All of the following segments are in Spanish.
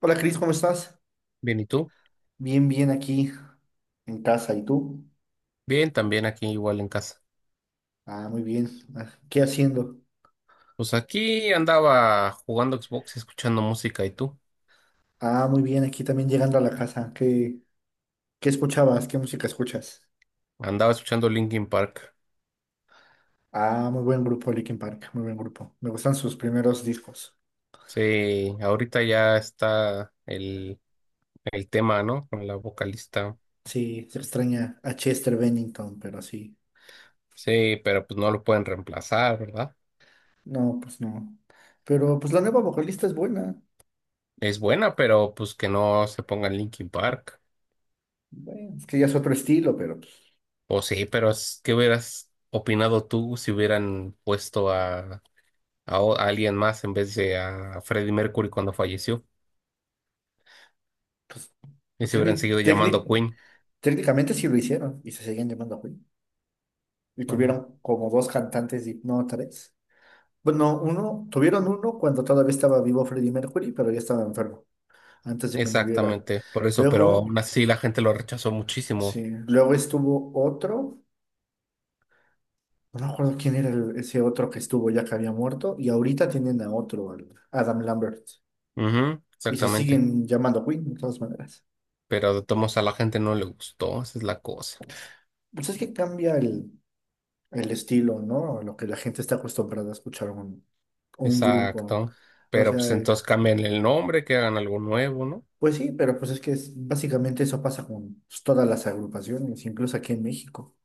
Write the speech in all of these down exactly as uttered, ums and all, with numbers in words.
Hola Cris, ¿cómo estás? Bien, ¿y tú? Bien, bien aquí en casa. ¿Y tú? Bien, también aquí igual en casa. Ah, muy bien. Ah, ¿qué haciendo? Pues aquí andaba jugando Xbox, escuchando música, ¿y tú? Ah, muy bien, aquí también llegando a la casa. ¿Qué, qué escuchabas? ¿Qué música escuchas? Andaba escuchando Linkin Park. Ah, muy buen grupo, Linkin Park, muy buen grupo. Me gustan sus primeros discos. Sí, ahorita ya está el, el tema, ¿no? Con la vocalista. Sí, se extraña a Chester Bennington, pero sí. Sí, pero pues no lo pueden reemplazar, ¿verdad? No, pues no. Pero pues la nueva vocalista es buena. Es buena, pero pues que no se pongan Linkin Park. Bueno, es que ya es otro estilo, pero pues, O sí, pero es- ¿qué hubieras opinado tú si hubieran puesto a, a o- a alguien más en vez de a Freddie Mercury cuando falleció? pues, Y pues se hubieran técnic- seguido técnic- llamando Queen. técnicamente sí lo hicieron y se seguían llamando a Y Bueno, tuvieron como dos cantantes, y- no, tres. Bueno, uno, tuvieron uno cuando todavía estaba vivo Freddie Mercury, pero ya estaba enfermo, antes de que muriera. exactamente, por eso, pero aún Luego, así la gente lo rechazó muchísimo. sí, luego estuvo otro, no me acuerdo quién era el- ese otro que estuvo ya que había muerto, y ahorita tienen a otro, al Adam Lambert, Ujú, y se exactamente. siguen llamando Queen, de todas maneras. Pero de todos modos a la gente no le gustó, esa es la cosa. Pues es que cambia el, el estilo, ¿no? A lo que la gente está acostumbrada a escuchar un, un grupo. Exacto. O Pero sea, pues entonces cambien el nombre, que hagan algo nuevo, ¿no? pues sí, pero pues es que es- básicamente eso pasa con pues, todas las agrupaciones, incluso aquí en México.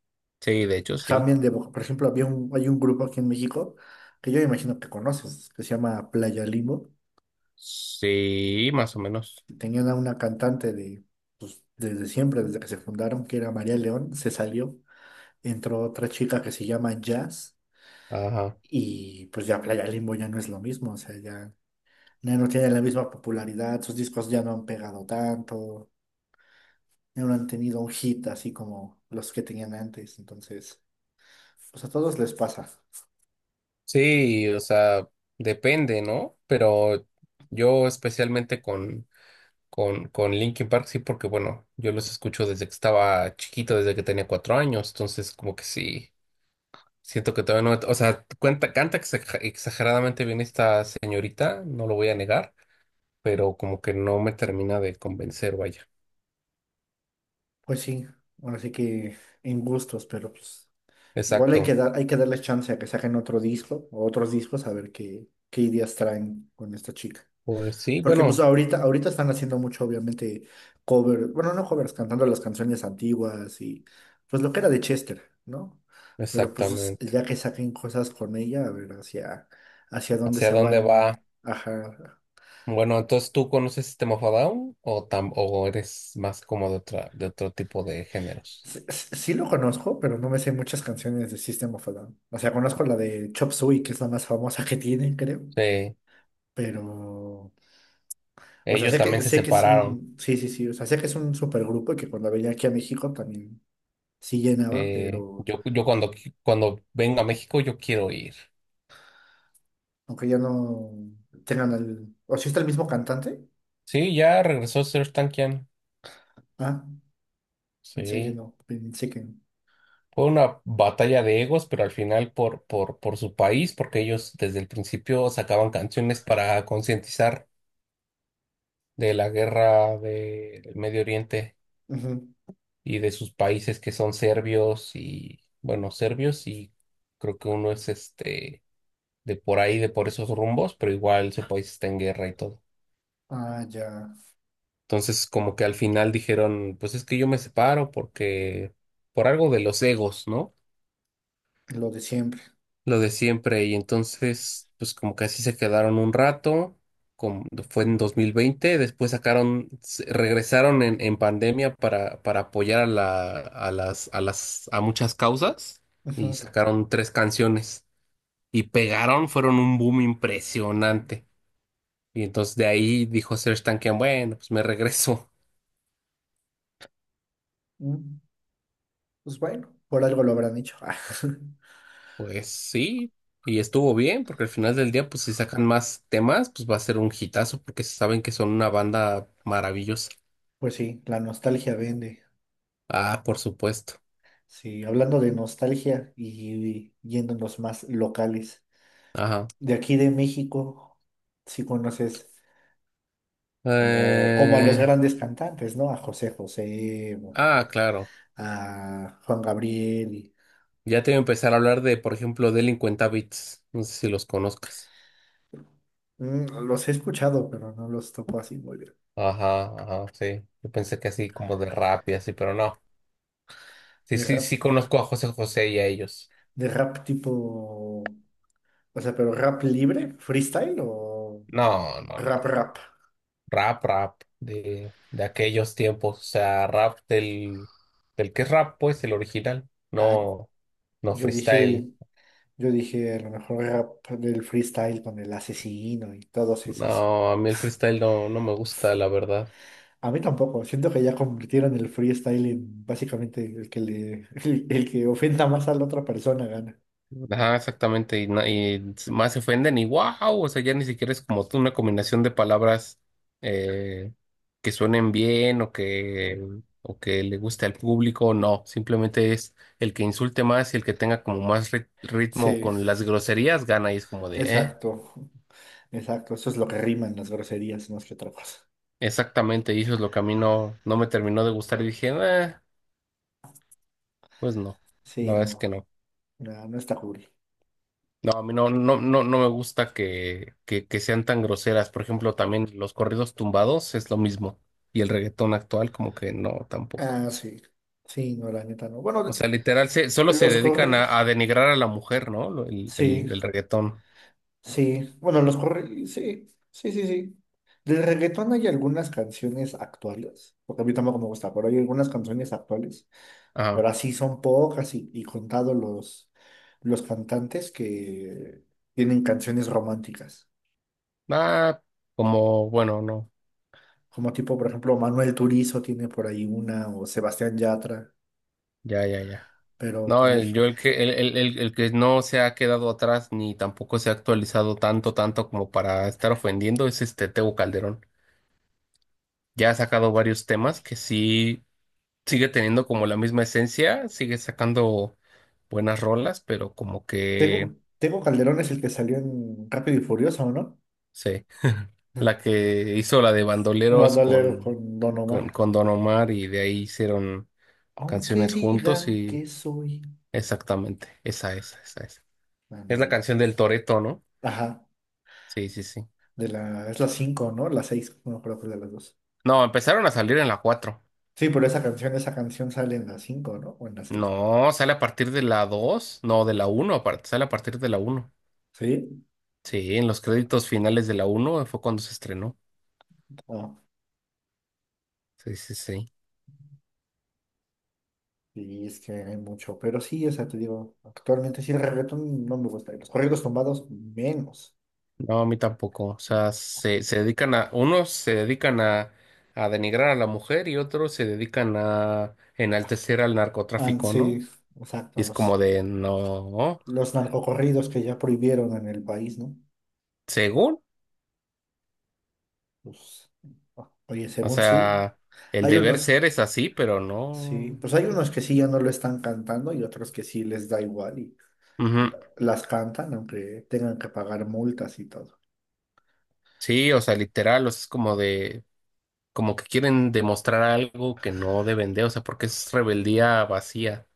Sí, de hecho, sí. Cambian de voz. Por ejemplo, había un, hay un grupo aquí en México que yo imagino que conoces, que se llama Playa Limbo. Sí, más o menos. Tenían a una cantante de, pues, desde siempre, desde que se fundaron, que era María León, se salió, entró otra chica que se llama Jazz, Ajá. y pues ya Playa Limbo ya no es lo mismo, o sea, ya, ya no tiene la misma popularidad, sus discos ya no han pegado tanto, ya no han tenido un hit así como los que tenían antes. Entonces, pues a todos les pasa. Sí, o sea, depende, ¿no? Pero yo especialmente con, con, con Linkin Park, sí, porque bueno, yo los escucho desde que estaba chiquito, desde que tenía cuatro años, entonces como que sí. Siento que todavía no, o sea, cuenta, canta exa- exageradamente bien esta señorita, no lo voy a negar, pero como que no me termina de convencer, vaya. Pues sí, ahora sí que en gustos, pero pues igual hay que Exacto. dar, hay que darles chance a que saquen otro disco o otros discos a ver qué, qué ideas traen con esta chica. Pues sí, Porque pues bueno, ahorita, ahorita están haciendo mucho, obviamente, cover, bueno, no covers, cantando las canciones antiguas y pues lo que era de Chester, ¿no? Pero pues exactamente. ya que saquen cosas con ella, a ver hacia, hacia dónde ¿Hacia se dónde va? van, ajá. Bueno, entonces tú conoces System of a Down o tam- o eres más como de otra, de otro tipo de géneros. Sí, sí- sí lo conozco, pero no me sé muchas canciones de System of a Down. O sea, conozco la de Chop Suey, que es la más famosa que tienen, creo. Sí, Pero, o sea, ellos sé que, también se sé que es separaron. un, sí, sí, sí, o sea, sé que es un supergrupo y que cuando venía aquí a México también sí llenaba, Eh, pero yo, yo cuando, qui- cuando venga a México, yo quiero ir. aunque ya no tengan el, o si está el mismo cantante. Sí, ya regresó Serj Tankian. Ah, pensé que Sí. no, pensé que no. Fue una batalla de egos, pero al final por, por, por su país, porque ellos desde el principio sacaban canciones para concientizar de la guerra de- del Medio Oriente Ujú. y de sus países que son serbios y, bueno, serbios y creo que uno es este de por ahí, de por esos rumbos, pero igual su país está en guerra y todo. Ah, ya, Entonces, como que al final dijeron, pues es que yo me separo porque por algo de los egos, ¿no? lo de siempre. Lo de siempre. Y entonces, pues como que así se quedaron un rato, como fue en dos mil veinte, después sacaron, se- regresaron en, en pandemia para, para apoyar a la, a las, a las, a muchas causas y Ujú. sacaron tres canciones y pegaron, fueron un boom impresionante. Y entonces de ahí dijo Serj Tankian, bueno, pues me regreso. Mm, pues bueno, por algo lo habrán hecho. Pues sí. Y estuvo bien, porque al final del día, pues si sacan más temas, pues va a ser un hitazo, porque saben que son una banda maravillosa. Pues sí, la nostalgia vende. Ah, por supuesto. Sí, hablando de nostalgia y yéndonos más locales, Ajá. de aquí de México, si conoces como, como a los Eh, grandes cantantes, ¿no? A José José, ah, claro. a Juan Gabriel, y- Ya te voy a empezar a hablar de, por ejemplo, Delincuentavits. No sé si los conozcas. mm, los he escuchado, pero no los topo así muy bien. Ajá, ajá, sí. Yo pensé que así como de rap y así, pero no. Sí, De sí, rap, sí conozco a José José y a ellos. de rap tipo, o sea, pero rap libre, ¿freestyle o No, no, rap no. rap? Rap, rap de, de aquellos tiempos. O sea, rap del, del que es rap, pues, el original. Ah, No, no yo dije, freestyle. yo dije a lo mejor rap del freestyle con el asesino y todos esos. No, a mí el freestyle no, no me gusta, la verdad. A mí tampoco. Siento que ya convirtieron el freestyle en básicamente el que le, el, el que ofenda más a la otra persona gana. Ajá, exactamente, y, na- y más se ofenden y wow, o sea, ya ni siquiera es como una combinación de palabras eh, que suenen bien o que, o que le guste al público, no, simplemente es el que insulte más y el que tenga como más ri- ritmo Sí, con las groserías gana y es como de, eh, exacto. Exacto. Eso es lo que riman las groserías más que otra cosa. exactamente, y eso es lo que a mí no, no me terminó de gustar y dije, eh, pues no, la Sí, verdad es no. que no. No, no está cool. No, a mí no, no, no, no me gusta que, que, que sean tan groseras. Por ejemplo, también los corridos tumbados es lo mismo. Y el reggaetón actual, como que no, tampoco. Ah, sí. Sí, no, la neta no. O Bueno, sea, literal, se, solo se los dedican a, corridos. a denigrar a la mujer, ¿no? Lo- El, Sí, el, el reggaetón. sí. Bueno, los corridos. Sí, sí, sí, sí. Del reggaetón hay algunas canciones actuales, porque a mí tampoco me gusta, pero hay algunas canciones actuales Ajá. pero así son pocas y, y contados los, los cantantes que tienen canciones románticas. Ah, como, bueno, no. Como tipo, por ejemplo, Manuel Turizo tiene por ahí una, o Sebastián Yatra, Ya, ya, ya. pero No, por el- ahí... yo el que, el, el, el, el que no se ha quedado atrás ni tampoco se ha actualizado tanto, tanto como para estar ofendiendo es este Tego Calderón. Ya ha sacado varios temas que sí sigue teniendo como la misma esencia, sigue sacando buenas rolas, pero como que, no Tengo, Tengo Calderón es el que salió en Rápido y Furioso, ¿no? sé, la que hizo la de Bandoleros Bandolero con, con Don con, Omar. con Don Omar y de ahí hicieron Aunque canciones juntos digan y que soy... exactamente, esa, esa, esa, esa. Es la Ándale. canción del Toreto, ¿no? Ajá, Sí, sí, sí. de la... Es la cinco, ¿no? La seis no creo, que es de las dos. No, empezaron a salir en la cuatro. Sí, pero esa canción, esa canción sale en la cinco, ¿no? O en la seis. No, sale a partir de la dos, no, de la uno, apar- sale a partir de la uno. ¿Sí? Sí, en los créditos finales de la uno fue cuando se estrenó. Ah. Sí, sí, sí. Y es que hay mucho, pero sí, o sea, te digo, actualmente sí el reggaetón no me gusta, y los corridos tumbados menos. No, a mí tampoco. O sea, se, se dedican a, unos se dedican a, a denigrar a la mujer y otros se dedican a Ah, enaltecer al ah, narcotráfico, sí, ¿no? Y exacto, es como los, de, no, los narcocorridos que ya prohibieron en el país, ¿no? según. Pues, ah, oye, O según sí, sea, el hay deber unos, ser es así, pero sí, no. pues hay unos que sí ya no lo están cantando y otros que sí les da igual y Ujú. la- las cantan, aunque tengan que pagar multas y todo. Sí, o sea, literal, o sea, es como de, como que quieren demostrar algo que no deben de, o sea, porque es rebeldía vacía.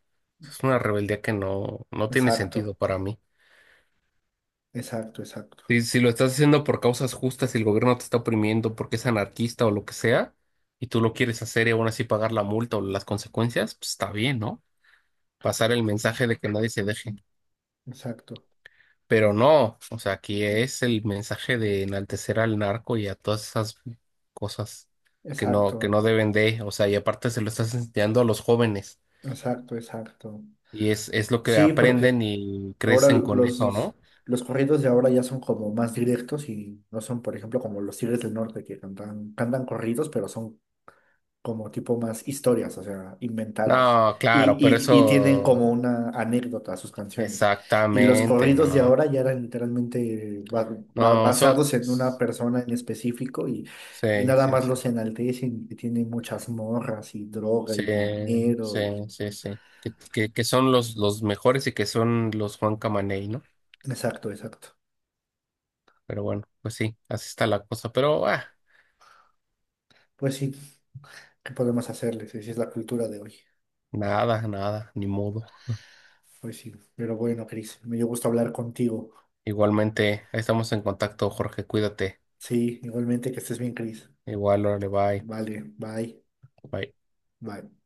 Es una rebeldía que no, no tiene Exacto, sentido para mí. exacto, exacto, Si, si lo estás haciendo por causas justas y el gobierno te está oprimiendo porque es anarquista o lo que sea, y tú lo quieres hacer y aún así pagar la multa o las consecuencias, pues está bien, ¿no? Pasar el mensaje de que nadie se deje. exacto, Pero no, o sea, aquí es el mensaje de enaltecer al narco y a todas esas cosas que no, que exacto, no deben de, o sea, y aparte se lo estás enseñando a los jóvenes exacto, exacto. y es, es lo que Sí, porque aprenden y ahora crecen con eso, los, ¿no? los corridos de ahora ya son como más directos y no son, por ejemplo, como los Tigres del Norte que cantan, cantan corridos, pero son como tipo más historias, o sea, inventadas. No, Y, claro, pero y, y tienen como eso una anécdota a sus canciones. Y los exactamente, corridos de no. ahora ya eran literalmente ba- ba- No, son... basados en una sí, persona en específico y, y sí, nada más sí. los enaltecen y tienen muchas morras y droga Sí, y dinero sí, y... sí, sí. Que, que, que son los, los mejores y que son los Juan Camaney, ¿no? Exacto, exacto. Pero bueno, pues sí, así está la cosa. Pero ah, Pues sí, ¿qué podemos hacerles? Esa es la cultura de hoy. nada, nada, ni modo. Pues sí, pero bueno, Cris, me dio gusto hablar contigo. Igualmente, ahí estamos en contacto, Jorge, cuídate. Sí, igualmente que estés bien, Cris. Igual, órale, bye. Vale, bye, Bye. bye.